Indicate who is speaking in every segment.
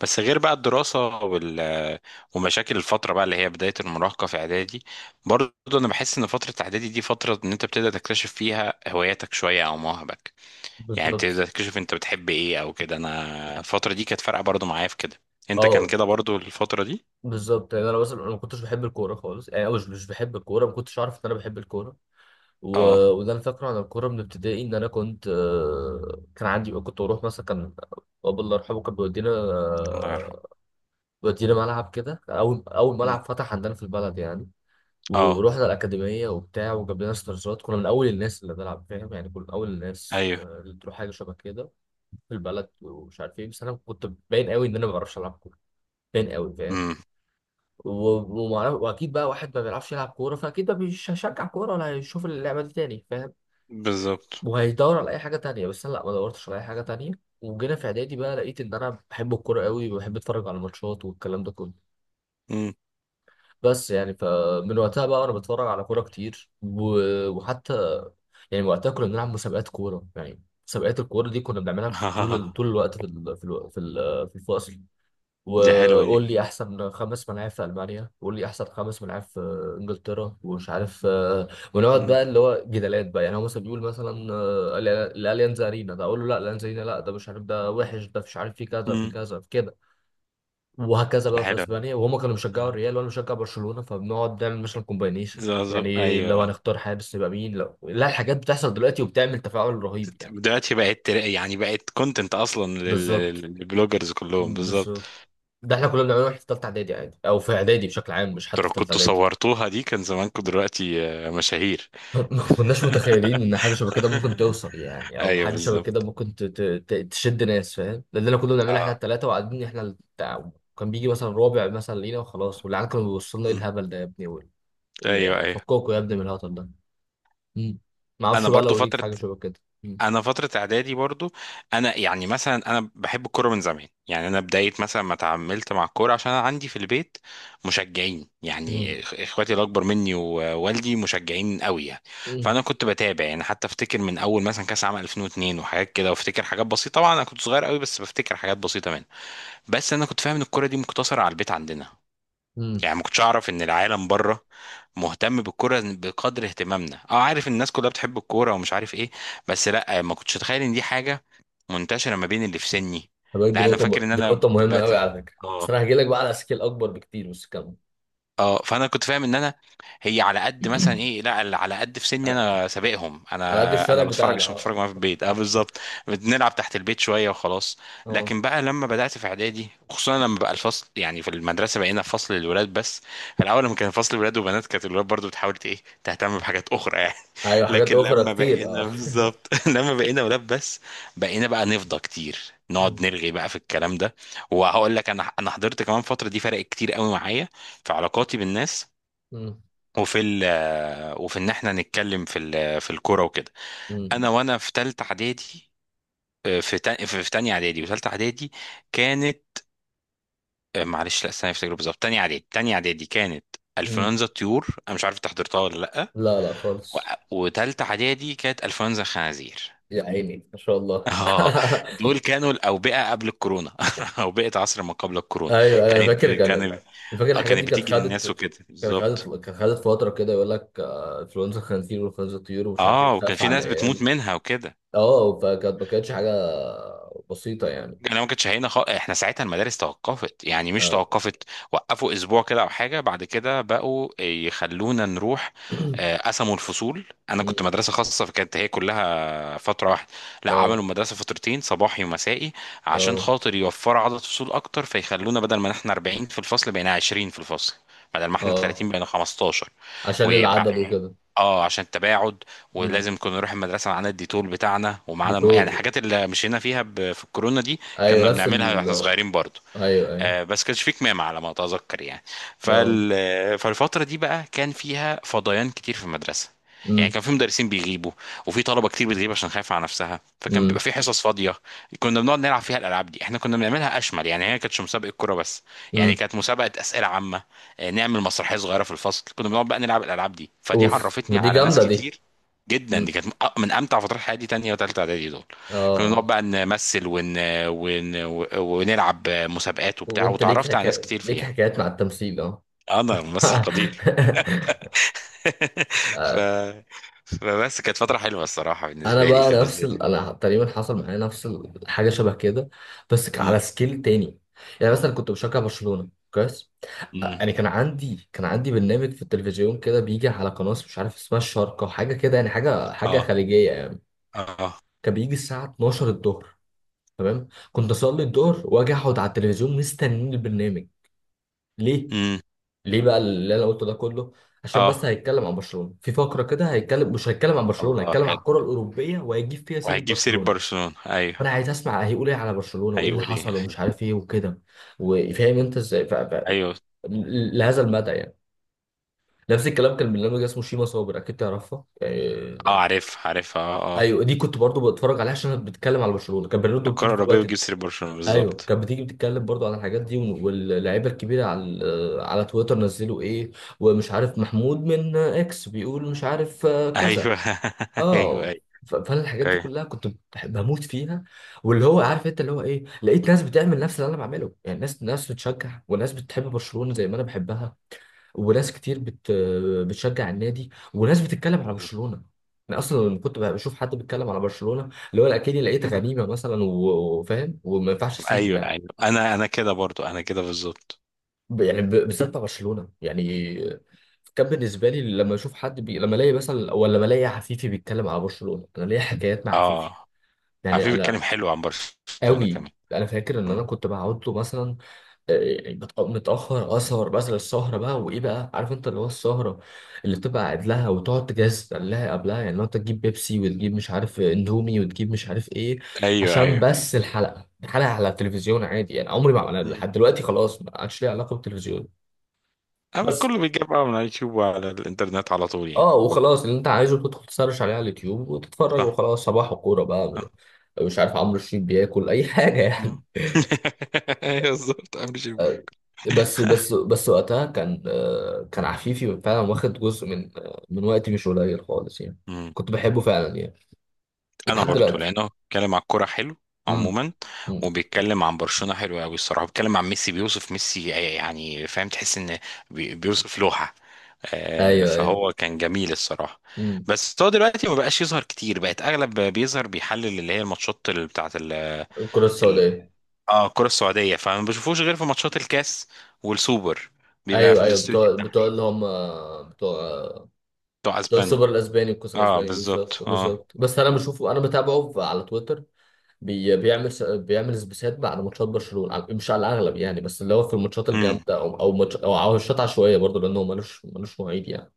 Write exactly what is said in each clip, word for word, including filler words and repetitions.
Speaker 1: بس غير بقى الدراسة وال... ومشاكل الفترة بقى اللي هي بداية المراهقة في إعدادي. برضه أنا بحس إن فترة إعدادي دي فترة إن أنت بتبدأ تكتشف فيها هواياتك شوية أو مواهبك، يعني
Speaker 2: بالظبط.
Speaker 1: بتبدأ تكتشف أنت بتحب إيه أو كده. أنا الفترة دي كانت فارقة برضه معايا في كده. أنت كان
Speaker 2: اه،
Speaker 1: كده برضه الفترة دي؟
Speaker 2: بالظبط. يعني انا مثلا انا ما كنتش بحب الكوره خالص يعني، أو مش مش بحب الكوره، ما كنتش اعرف ان انا بحب الكوره. و...
Speaker 1: أه.
Speaker 2: وده انا فاكره عن الكوره من ابتدائي، ان انا كنت، آه، كان عندي، كنت بروح مثلا، كان بابا الله يرحمه كان بيودينا
Speaker 1: الله يرحمه.
Speaker 2: آه، بيودينا ملعب كده، اول اول
Speaker 1: أمم.
Speaker 2: ملعب فتح عندنا في البلد يعني.
Speaker 1: أه.
Speaker 2: ورحنا الاكاديميه وبتاع، وجاب لنا استرزات، كنا من اول الناس اللي بنلعب، فاهم يعني، كنا من اول الناس
Speaker 1: أيوه.
Speaker 2: آه، اللي تروح حاجه شبه كده في البلد، ومش عارف ايه. بس انا كنت باين قوي ان انا ما بعرفش العب كوره، باين قوي، فاهم.
Speaker 1: أمم.
Speaker 2: و- ومعرف، واكيد بقى واحد ما بيعرفش يلعب كوره، فاكيد ما مش هشجع كوره ولا هيشوف اللعبه دي تاني، فاهم.
Speaker 1: بالظبط.
Speaker 2: وهيدور على اي حاجه تانية، بس انا لا، ما دورتش على اي حاجه تانية. وجينا في اعدادي بقى، لقيت ان انا بحب الكوره قوي، وبحب اتفرج على الماتشات والكلام ده كله.
Speaker 1: أمم.
Speaker 2: بس يعني فمن وقتها بقى وانا بتفرج على كوره كتير، و- وحتى يعني وقتها كنا بنلعب مسابقات كوره، يعني مسابقات الكوره دي كنا بنعملها في طول ال- طول الوقت في ال- في الو- في ال- في الفصل.
Speaker 1: دي حلوة دي.
Speaker 2: وقول لي احسن خمس ملاعب في المانيا، وقول لي احسن خمس ملاعب في انجلترا، ومش عارف آه، ونقعد
Speaker 1: أمم.
Speaker 2: بقى اللي هو جدالات بقى، يعني هو مثلا بيقول مثلا، آه، ال- الاليانز ارينا، ده اقول له لا الاليانز ارينا لا، ده مش عارف، ده وحش، ده مش عارف، في كذا في
Speaker 1: أمم.
Speaker 2: كذا في كده. وهكذا
Speaker 1: دي
Speaker 2: بقى في
Speaker 1: حلوة دي.
Speaker 2: اسبانيا، وهما كانوا بيشجعوا
Speaker 1: آه.
Speaker 2: الريال وانا بشجع برشلونه، فبنقعد نعمل مثلا كومباينيشن،
Speaker 1: زازو.
Speaker 2: يعني لو
Speaker 1: أيوه.
Speaker 2: هنختار حارس يبقى مين، لو لا، الحاجات بتحصل دلوقتي وبتعمل تفاعل رهيب يعني.
Speaker 1: دلوقتي بقت يعني بقت كونتنت اصلا لل-
Speaker 2: بالظبط.
Speaker 1: للبلوجرز كلهم، بالظبط.
Speaker 2: بالظبط، ده احنا كنا بنعمله واحنا في ثالثه اعدادي عادي، او في اعدادي بشكل عام، مش
Speaker 1: انتوا
Speaker 2: حتى
Speaker 1: لو
Speaker 2: في ثالثه
Speaker 1: كنتوا
Speaker 2: اعدادي.
Speaker 1: صورتوها دي كان زمانكم دلوقتي آه، مشاهير.
Speaker 2: ما كناش متخيلين ان حاجه شبه كده ممكن توصل يعني، او
Speaker 1: ايوه
Speaker 2: حاجه شبه كده
Speaker 1: بالظبط.
Speaker 2: ممكن ت- ت- ت- تشد ناس، فاهم. ده اللي كنا بنعمله احنا
Speaker 1: اه.
Speaker 2: الثلاثه، وقاعدين احنا التع... كان بيجي مثلا رابع مثلا لينا وخلاص، والعيال كانوا بيبصوا لنا ايه
Speaker 1: مم.
Speaker 2: الهبل ده يا ابني، وال- اللي
Speaker 1: ايوه
Speaker 2: يعني
Speaker 1: ايوه.
Speaker 2: فكوكوا يا ابني من الهطل ده. مم. ما
Speaker 1: انا
Speaker 2: اعرفش بقى
Speaker 1: برضو
Speaker 2: لو ليك
Speaker 1: فتره
Speaker 2: حاجه شبه كده. مم.
Speaker 1: انا فتره اعدادي برضو. انا يعني مثلا انا بحب الكوره من زمان، يعني انا بدايه مثلا ما اتعاملت مع الكوره عشان انا عندي في البيت مشجعين،
Speaker 2: مم.
Speaker 1: يعني إخ- اخواتي الاكبر مني ووالدي مشجعين قوي يعني.
Speaker 2: مم.
Speaker 1: فانا كنت بتابع يعني، حتى افتكر من اول مثلا كاس عام ألفين واتنين وحاجات كده، وافتكر حاجات بسيطه طبعا انا كنت صغير قوي، بس بفتكر حاجات بسيطه منها. بس انا كنت فاهم ان الكوره دي مقتصره على البيت عندنا،
Speaker 2: مم.
Speaker 1: يعني ما كنتش اعرف ان العالم بره مهتم بالكوره بقدر اهتمامنا. اه، عارف الناس كلها بتحب الكوره ومش عارف ايه، بس لا ما كنتش اتخيل ان دي حاجه منتشره ما بين اللي في سني.
Speaker 2: طب دي
Speaker 1: لا انا
Speaker 2: نقطه
Speaker 1: فاكر
Speaker 2: م...
Speaker 1: ان
Speaker 2: دي
Speaker 1: انا
Speaker 2: نقطه مهمه
Speaker 1: بقت.
Speaker 2: قوي على فكره.
Speaker 1: اه
Speaker 2: بس انا هجي لك بقى على سكيل اكبر بكتير، بس كمل.
Speaker 1: اه، فانا كنت فاهم ان انا هي على قد مثلا ايه، لا ال- على قد في سني
Speaker 2: على
Speaker 1: انا سابقهم،
Speaker 2: على قد
Speaker 1: انا
Speaker 2: الشارع
Speaker 1: انا بتفرج
Speaker 2: بتاعنا
Speaker 1: عشان
Speaker 2: اه.
Speaker 1: بتفرج معاهم في البيت. اه بالظبط. بنلعب تحت البيت شويه وخلاص.
Speaker 2: اه.
Speaker 1: لكن بقى لما بدات في اعدادي خصوصا لما بقى الفصل يعني في المدرسه بقينا في فصل للولاد بس، في الاول لما كان فصل ولاد وبنات كانت الولاد برضو بتحاول ت- ايه تهتم بحاجات اخرى يعني.
Speaker 2: ايوه، حاجات
Speaker 1: لكن
Speaker 2: اخرى
Speaker 1: لما
Speaker 2: كتير
Speaker 1: بقينا
Speaker 2: اه.
Speaker 1: بالظبط لما بقينا ولاد بس بقينا بقى نفضى كتير، نقعد
Speaker 2: مم.
Speaker 1: نرغي بقى في الكلام ده. وهقول لك انا انا حضرت كمان، فتره دي فرق كتير قوي معايا في علاقاتي بالناس،
Speaker 2: مم.
Speaker 1: وفي ال وفي ان احنا نتكلم في ال في الكوره وكده.
Speaker 2: مم.
Speaker 1: انا وانا في ثالثه اعدادي. آه، في تا- في في تانية اعدادي وثالثه اعدادي كانت. آه، معلش لا استنى افتكر بالظبط، تانية اعدادي. تانية اعدادي كانت
Speaker 2: مم.
Speaker 1: انفلونزا الطيور، انا مش عارف انت حضرتها ولا لا.
Speaker 2: لا لا خالص.
Speaker 1: و- وتالتة اعدادي كانت انفلونزا الخنازير.
Speaker 2: يا عيني ما شاء الله.
Speaker 1: اه. دول كانوا الاوبئه قبل الكورونا. اوبئه عصر ما قبل الكورونا.
Speaker 2: ايوه، انا
Speaker 1: كانت
Speaker 2: فاكر كان ال-
Speaker 1: كانت
Speaker 2: أنا فاكر
Speaker 1: آه،
Speaker 2: الحاجات
Speaker 1: كانت
Speaker 2: دي كانت
Speaker 1: بتيجي للناس
Speaker 2: خدت
Speaker 1: وكده
Speaker 2: كانت خدت
Speaker 1: بالظبط.
Speaker 2: كانت خدت فتره كده. يقول لك آه، انفلونزا خنزير وانفلونزا طيور ومش عارف ايه،
Speaker 1: اه وكان
Speaker 2: بتخاف
Speaker 1: في
Speaker 2: على
Speaker 1: ناس بتموت
Speaker 2: العيال.
Speaker 1: منها وكده.
Speaker 2: اه، فكانت ما كانتش حاجه بسيطه يعني.
Speaker 1: انا ما كنتش هنا خ... احنا ساعتها المدارس توقفت، يعني مش
Speaker 2: اه.
Speaker 1: توقفت، وقفوا اسبوع كده او حاجه بعد كده بقوا يخلونا نروح. آه، قسموا الفصول، انا
Speaker 2: مم.
Speaker 1: كنت مدرسه خاصه فكانت هي كلها فترة واحدة، لا، عملوا
Speaker 2: اه.
Speaker 1: المدرسة فترتين، صباحي ومسائي، عشان
Speaker 2: اه.
Speaker 1: خاطر يوفروا عدد فصول أكتر، فيخلونا بدل ما احنا اربعين في الفصل بقينا عشرين في الفصل، بدل ما احنا
Speaker 2: اه،
Speaker 1: تلاتين بقينا خمستاشر.
Speaker 2: عشان
Speaker 1: ويبقى.
Speaker 2: العدد وكده.
Speaker 1: اه عشان التباعد.
Speaker 2: مم.
Speaker 1: ولازم كنا نروح المدرسه معانا الديتول بتاعنا ومعانا الم... يعني
Speaker 2: بيتوزوا.
Speaker 1: الحاجات اللي مشينا فيها ب... في الكورونا دي،
Speaker 2: ايوه،
Speaker 1: كنا
Speaker 2: نفس
Speaker 1: بنعملها
Speaker 2: ال.
Speaker 1: واحنا صغيرين برضو.
Speaker 2: ايوه ايوه.
Speaker 1: آه، بس كانش في كمامة على ما أتذكر يعني.
Speaker 2: اه.
Speaker 1: فال... فالفترة دي بقى كان فيها فضيان كتير في المدرسة، يعني
Speaker 2: مم.
Speaker 1: كان في مدرسين بيغيبوا وفي طلبة كتير بتغيب عشان خايفة على نفسها، فكان بيبقى
Speaker 2: مم.
Speaker 1: في حصص فاضية كنا بنقعد نلعب فيها الألعاب دي. احنا كنا بنعملها أشمل يعني، هي ما كانتش مسابقة كورة بس، يعني
Speaker 2: مم.
Speaker 1: كانت مسابقة أسئلة عامة، آه، نعمل مسرحية صغيرة في الفصل، كنا بنقعد بقى نلعب الألعاب دي، فدي
Speaker 2: اوف، ما
Speaker 1: عرفتني
Speaker 2: دي
Speaker 1: على ناس
Speaker 2: جامده دي.
Speaker 1: كتير جدا. دي كانت من أ- من امتع فترات حياتي، تانية وتالتة اعدادي دول. كنا بنقعد
Speaker 2: اه.
Speaker 1: بقى نمثل ون... ون... ونلعب مسابقات وبتاع
Speaker 2: وانت ليك
Speaker 1: وتعرفت على ناس
Speaker 2: حكا...
Speaker 1: كتير
Speaker 2: ليك
Speaker 1: فيها.
Speaker 2: حكايات مع التمثيل اه.
Speaker 1: انا ممثل قدير. ف... فبس كانت فترة حلوة الصراحة
Speaker 2: انا
Speaker 1: بالنسبة لي
Speaker 2: بقى
Speaker 1: في
Speaker 2: نفس
Speaker 1: بالذات.
Speaker 2: ال... انا تقريبا حصل معايا نفس الحاجه شبه كده، بس كان
Speaker 1: مم.
Speaker 2: على سكيل تاني. يعني مثلا كنت بشجع برشلونه كويس،
Speaker 1: مم.
Speaker 2: يعني كان عندي، كان عندي برنامج في التلفزيون كده بيجي على قناه مش عارف اسمها الشارقه وحاجه كده، يعني حاجه حاجه
Speaker 1: اه
Speaker 2: خليجيه يعني.
Speaker 1: اه.
Speaker 2: كان بيجي الساعه اتناشر الظهر، تمام، كنت اصلي الظهر واجي اقعد على التلفزيون مستنيين البرنامج. ليه؟
Speaker 1: مم.
Speaker 2: ليه بقى اللي انا قلته ده كله؟ عشان بس
Speaker 1: اه
Speaker 2: هيتكلم عن برشلونه في فقره كده، هيتكلم، مش هيتكلم عن برشلونه،
Speaker 1: الله
Speaker 2: هيتكلم عن
Speaker 1: حلو،
Speaker 2: الكره الاوروبيه وهيجيب فيها سيره
Speaker 1: وهيجيب سيرة
Speaker 2: برشلونه.
Speaker 1: برشلونة
Speaker 2: فانا
Speaker 1: ايوه.
Speaker 2: عايز اسمع هيقول ايه على برشلونه وايه اللي
Speaker 1: هيقول ايه؟
Speaker 2: حصل ومش عارف ايه وكده. وفاهم انت ازاي، ف... ف...
Speaker 1: ايوه.
Speaker 2: لهذا المدى يعني. نفس الكلام، كان برنامج اسمه شيما صابر، اكيد تعرفها آه،
Speaker 1: اه عارف عارف اه اه،
Speaker 2: ايوه، دي كنت برضو بتفرج عليها عشان بتتكلم على برشلونه، كان برنامج
Speaker 1: الكرة
Speaker 2: بتيجي في
Speaker 1: الأوروبية
Speaker 2: الوقت
Speaker 1: بتجيب
Speaker 2: ده.
Speaker 1: سيرة برشلونة
Speaker 2: ايوه
Speaker 1: بالظبط.
Speaker 2: كانت بتيجي، بتتكلم برضو عن الحاجات دي، واللعيبه الكبيره على على تويتر نزلوا ايه، ومش عارف محمود من اكس بيقول مش عارف آه، كذا.
Speaker 1: ايوه. ايوه ايوه.
Speaker 2: اه. ف- فانا الحاجات دي
Speaker 1: ايوه
Speaker 2: كلها كنت بح- بموت فيها. واللي هو عارف انت، اللي هو ايه، لقيت ناس بتعمل نفس اللي انا بعمله، يعني ناس ناس بتشجع وناس بتحب برشلونه زي ما انا بحبها، وناس كتير بت بتشجع النادي، وناس بتتكلم على برشلونه. انا اصلا لما كنت بشوف حد بيتكلم على برشلونه اللي هو اكني لقيت غنيمه مثلا، و- وفاهم، وما ينفعش اسيبه
Speaker 1: ايوه
Speaker 2: يعني.
Speaker 1: ايوه، انا انا كده برضو، انا كده بالظبط.
Speaker 2: ب- يعني ب- بالذات مع برشلونه يعني. كان بالنسبه لي لما اشوف حد بي... لما الاقي مثلا، ولا لما الاقي عفيفي بيتكلم على برشلونه، انا ليا حكايات مع عفيفي.
Speaker 1: اه،
Speaker 2: يعني
Speaker 1: عفيف بيتكلم
Speaker 2: انا
Speaker 1: حلو عن برشلونة
Speaker 2: قوي.
Speaker 1: كمان.
Speaker 2: انا فاكر ان انا
Speaker 1: مم.
Speaker 2: كنت بقعد له مثلا، آه، بت- متاخر، اسهر مثلا السهره بقى، وايه بقى، عارف انت اللي هو السهره اللي بتبقى قاعد لها وتقعد تجهز لها قبلها، يعني لو انت تجيب بيبسي وتجيب مش عارف اندومي وتجيب مش عارف ايه.
Speaker 1: ايوه
Speaker 2: عشان
Speaker 1: ايوه.
Speaker 2: بس الحلقه، الحلقه على التلفزيون عادي يعني. عمري ما،
Speaker 1: مم.
Speaker 2: لحد دلوقتي خلاص، ما عادش ليها علاقه بالتلفزيون.
Speaker 1: اما
Speaker 2: بس
Speaker 1: كله بيجيب بقى من على اليوتيوب وعلى الانترنت على طول يعني.
Speaker 2: اه، وخلاص اللي انت عايزه بتدخل تسرش عليه على اليوتيوب وتتفرج،
Speaker 1: صح
Speaker 2: وخلاص، صباح وكوره بقى.
Speaker 1: صح.
Speaker 2: مش عارف عمرو الشريف بياكل اي حاجه يعني.
Speaker 1: مم. ايوه بالظبط عامل شبه.
Speaker 2: آه، بس بس بس وقتها كان، آه، كان عفيفي فعلا واخد جزء من، آه، من وقتي مش قليل خالص يعني.
Speaker 1: مم.
Speaker 2: كنت بحبه فعلا يعني.
Speaker 1: انا
Speaker 2: ولحد
Speaker 1: برضو
Speaker 2: دلوقتي.
Speaker 1: لانه بيتكلم على الكوره حلو
Speaker 2: امم.
Speaker 1: عموما،
Speaker 2: أمم.
Speaker 1: وبيتكلم عن برشلونه حلو قوي الصراحه، بيتكلم عن ميسي، بيوصف ميسي يعني، فاهم تحس ان بي- بيوصف لوحه، آه،
Speaker 2: ايوه ايوه.
Speaker 1: فهو كان جميل الصراحه.
Speaker 2: امم
Speaker 1: بس هو دلوقتي ما بقاش يظهر كتير، بقت اغلب بيظهر بيحلل اللي هي الماتشات اللي بتاعت
Speaker 2: الكره السوداء.
Speaker 1: اه الكرة السعودية، فما بشوفوش غير في ماتشات الكاس والسوبر، بيبقى في
Speaker 2: ايوه ايوه
Speaker 1: الاستوديو
Speaker 2: بتوع، بتوع
Speaker 1: التحليلي
Speaker 2: اللي هم بتوع
Speaker 1: بتوع
Speaker 2: بتوع
Speaker 1: اسبانيا.
Speaker 2: السوبر الاسباني والكاس
Speaker 1: اه
Speaker 2: الاسباني
Speaker 1: بالظبط.
Speaker 2: بالظبط
Speaker 1: اه.
Speaker 2: بالظبط. بس انا بشوفه، انا بتابعه ف- على تويتر. بي بيعمل س- بيعمل سبيسات بعد ماتشات برشلونه على- مش على الاغلب يعني، بس اللي هو في الماتشات
Speaker 1: امم.
Speaker 2: الجامده، او او ماتش او أو ماتشات عشوائيه برضه، لانه ملوش ملوش مواعيد يعني.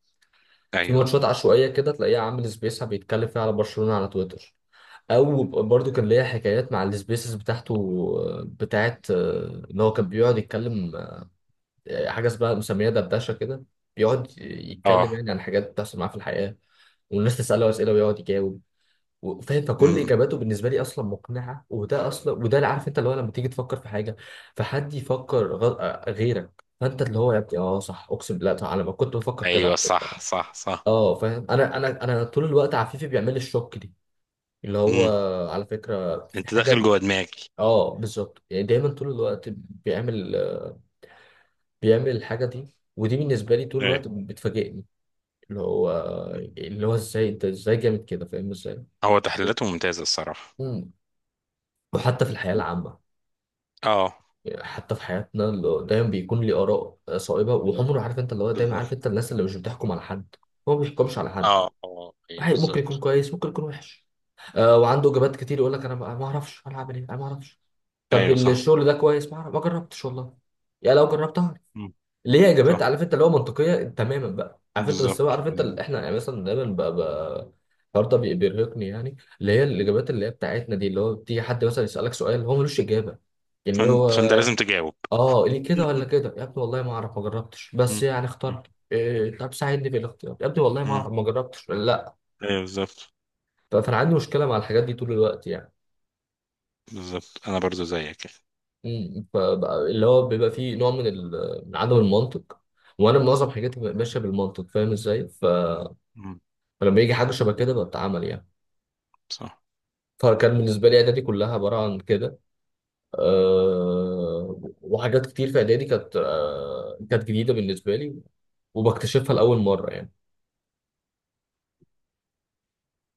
Speaker 2: في
Speaker 1: ايوه.
Speaker 2: ماتشات عشوائيه كده تلاقيه عامل سبيس بيتكلم فيها على برشلونه على تويتر. او برضه كان ليا حكايات مع السبيسز بتاعته، آه، بتاعت آه، ان هو كان بيقعد يتكلم، آه، حاجه اسمها مسميه دردشه كده، بيقعد يتكلم
Speaker 1: اه.
Speaker 2: يعني عن حاجات بتحصل معاه في الحياه، والناس تساله اسئله ويقعد يجاوب. وفاهم، فكل
Speaker 1: امم.
Speaker 2: اجاباته بالنسبه لي اصلا مقنعه. وده اصلا، وده اللي، عارف انت اللي هو لما تيجي تفكر في حاجه فحد يفكر غ... آه، غيرك، فانت اللي هو يا ابني اه صح، اقسم بالله صح، انا ما كنت بفكر كده
Speaker 1: ايوه.
Speaker 2: على فكره
Speaker 1: صح
Speaker 2: يعني.
Speaker 1: صح صح.
Speaker 2: اه فاهم، انا انا انا طول الوقت، عفيفي بيعمل لي الشوك دي، اللي هو،
Speaker 1: امم.
Speaker 2: على فكره في
Speaker 1: انت
Speaker 2: حاجه.
Speaker 1: داخل جوه دماغي.
Speaker 2: اه بالظبط، يعني دايما طول الوقت بيعمل، بيعمل الحاجه دي. ودي بالنسبه لي طول
Speaker 1: ايوه.
Speaker 2: الوقت بتفاجئني. اللي هو اللي هو ازاي انت، ازاي جامد كده، فاهم، ازاي.
Speaker 1: هو تحليلاته ممتازة الصراحة.
Speaker 2: مم. وحتى في الحياه العامه،
Speaker 1: اه
Speaker 2: حتى في حياتنا اللي دايما بيكون لي آراء صائبة، وعمره، عارف انت اللي هو دايما عارف
Speaker 1: بالظبط.
Speaker 2: انت الناس اللي مش بتحكم على حد، هو ما بيحكمش على حد.
Speaker 1: اه اه ايوه
Speaker 2: واحد ممكن يكون
Speaker 1: بالظبط.
Speaker 2: كويس، ممكن يكون وحش. آه، وعنده إجابات كتير يقول لك انا ما ما اعرفش انا هعمل ايه، انا ما اعرفش. طب
Speaker 1: ايوه صح.
Speaker 2: الشغل ده كويس؟ ما اعرف، ما جربتش والله. يا لو جربت اعرف.
Speaker 1: مم.
Speaker 2: اللي هي إجابات
Speaker 1: صح
Speaker 2: عارف انت اللي هو منطقية تماما بقى، عارف انت، بس هو
Speaker 1: بالظبط
Speaker 2: عارف انت
Speaker 1: بالظبط.
Speaker 2: اللي احنا يعني مثلا دايما بقى بقى. الحوار ده بي- بيرهقني يعني، اللي هي الإجابات اللي هي بتاعتنا دي، اللي هو بتيجي حد مثلا يسألك سؤال هو ملوش إجابة، يعني اللي
Speaker 1: فن... فانت
Speaker 2: هو
Speaker 1: لازم تجاوب.
Speaker 2: اه ليه كده ولا كده يا ابني والله ما اعرف ما جربتش، بس
Speaker 1: مم.
Speaker 2: يعني
Speaker 1: مم.
Speaker 2: اخترت إيه، طب ساعدني في الاختيار يا ابني، والله ما
Speaker 1: مم.
Speaker 2: اعرف ما جربتش ولا لا.
Speaker 1: ايوه بالظبط
Speaker 2: ف- فانا عندي مشكله مع الحاجات دي طول الوقت يعني.
Speaker 1: بالظبط. انا برضو زيك كده.
Speaker 2: أمم، فبقى- اللي هو بيبقى فيه نوع من ال- من عدم المنطق. وانا معظم حاجاتي ببقى ماشيه بالمنطق، فاهم ازاي. ف-
Speaker 1: مم.
Speaker 2: فلما يجي حاجه شبه كده بتعمل يعني.
Speaker 1: صح.
Speaker 2: فكان بالنسبه لي اعدادي كلها عباره عن كده. أه، وحاجات كتير في اعدادي كانت، أه كانت جديده بالنسبه لي وبكتشفها لاول مره يعني.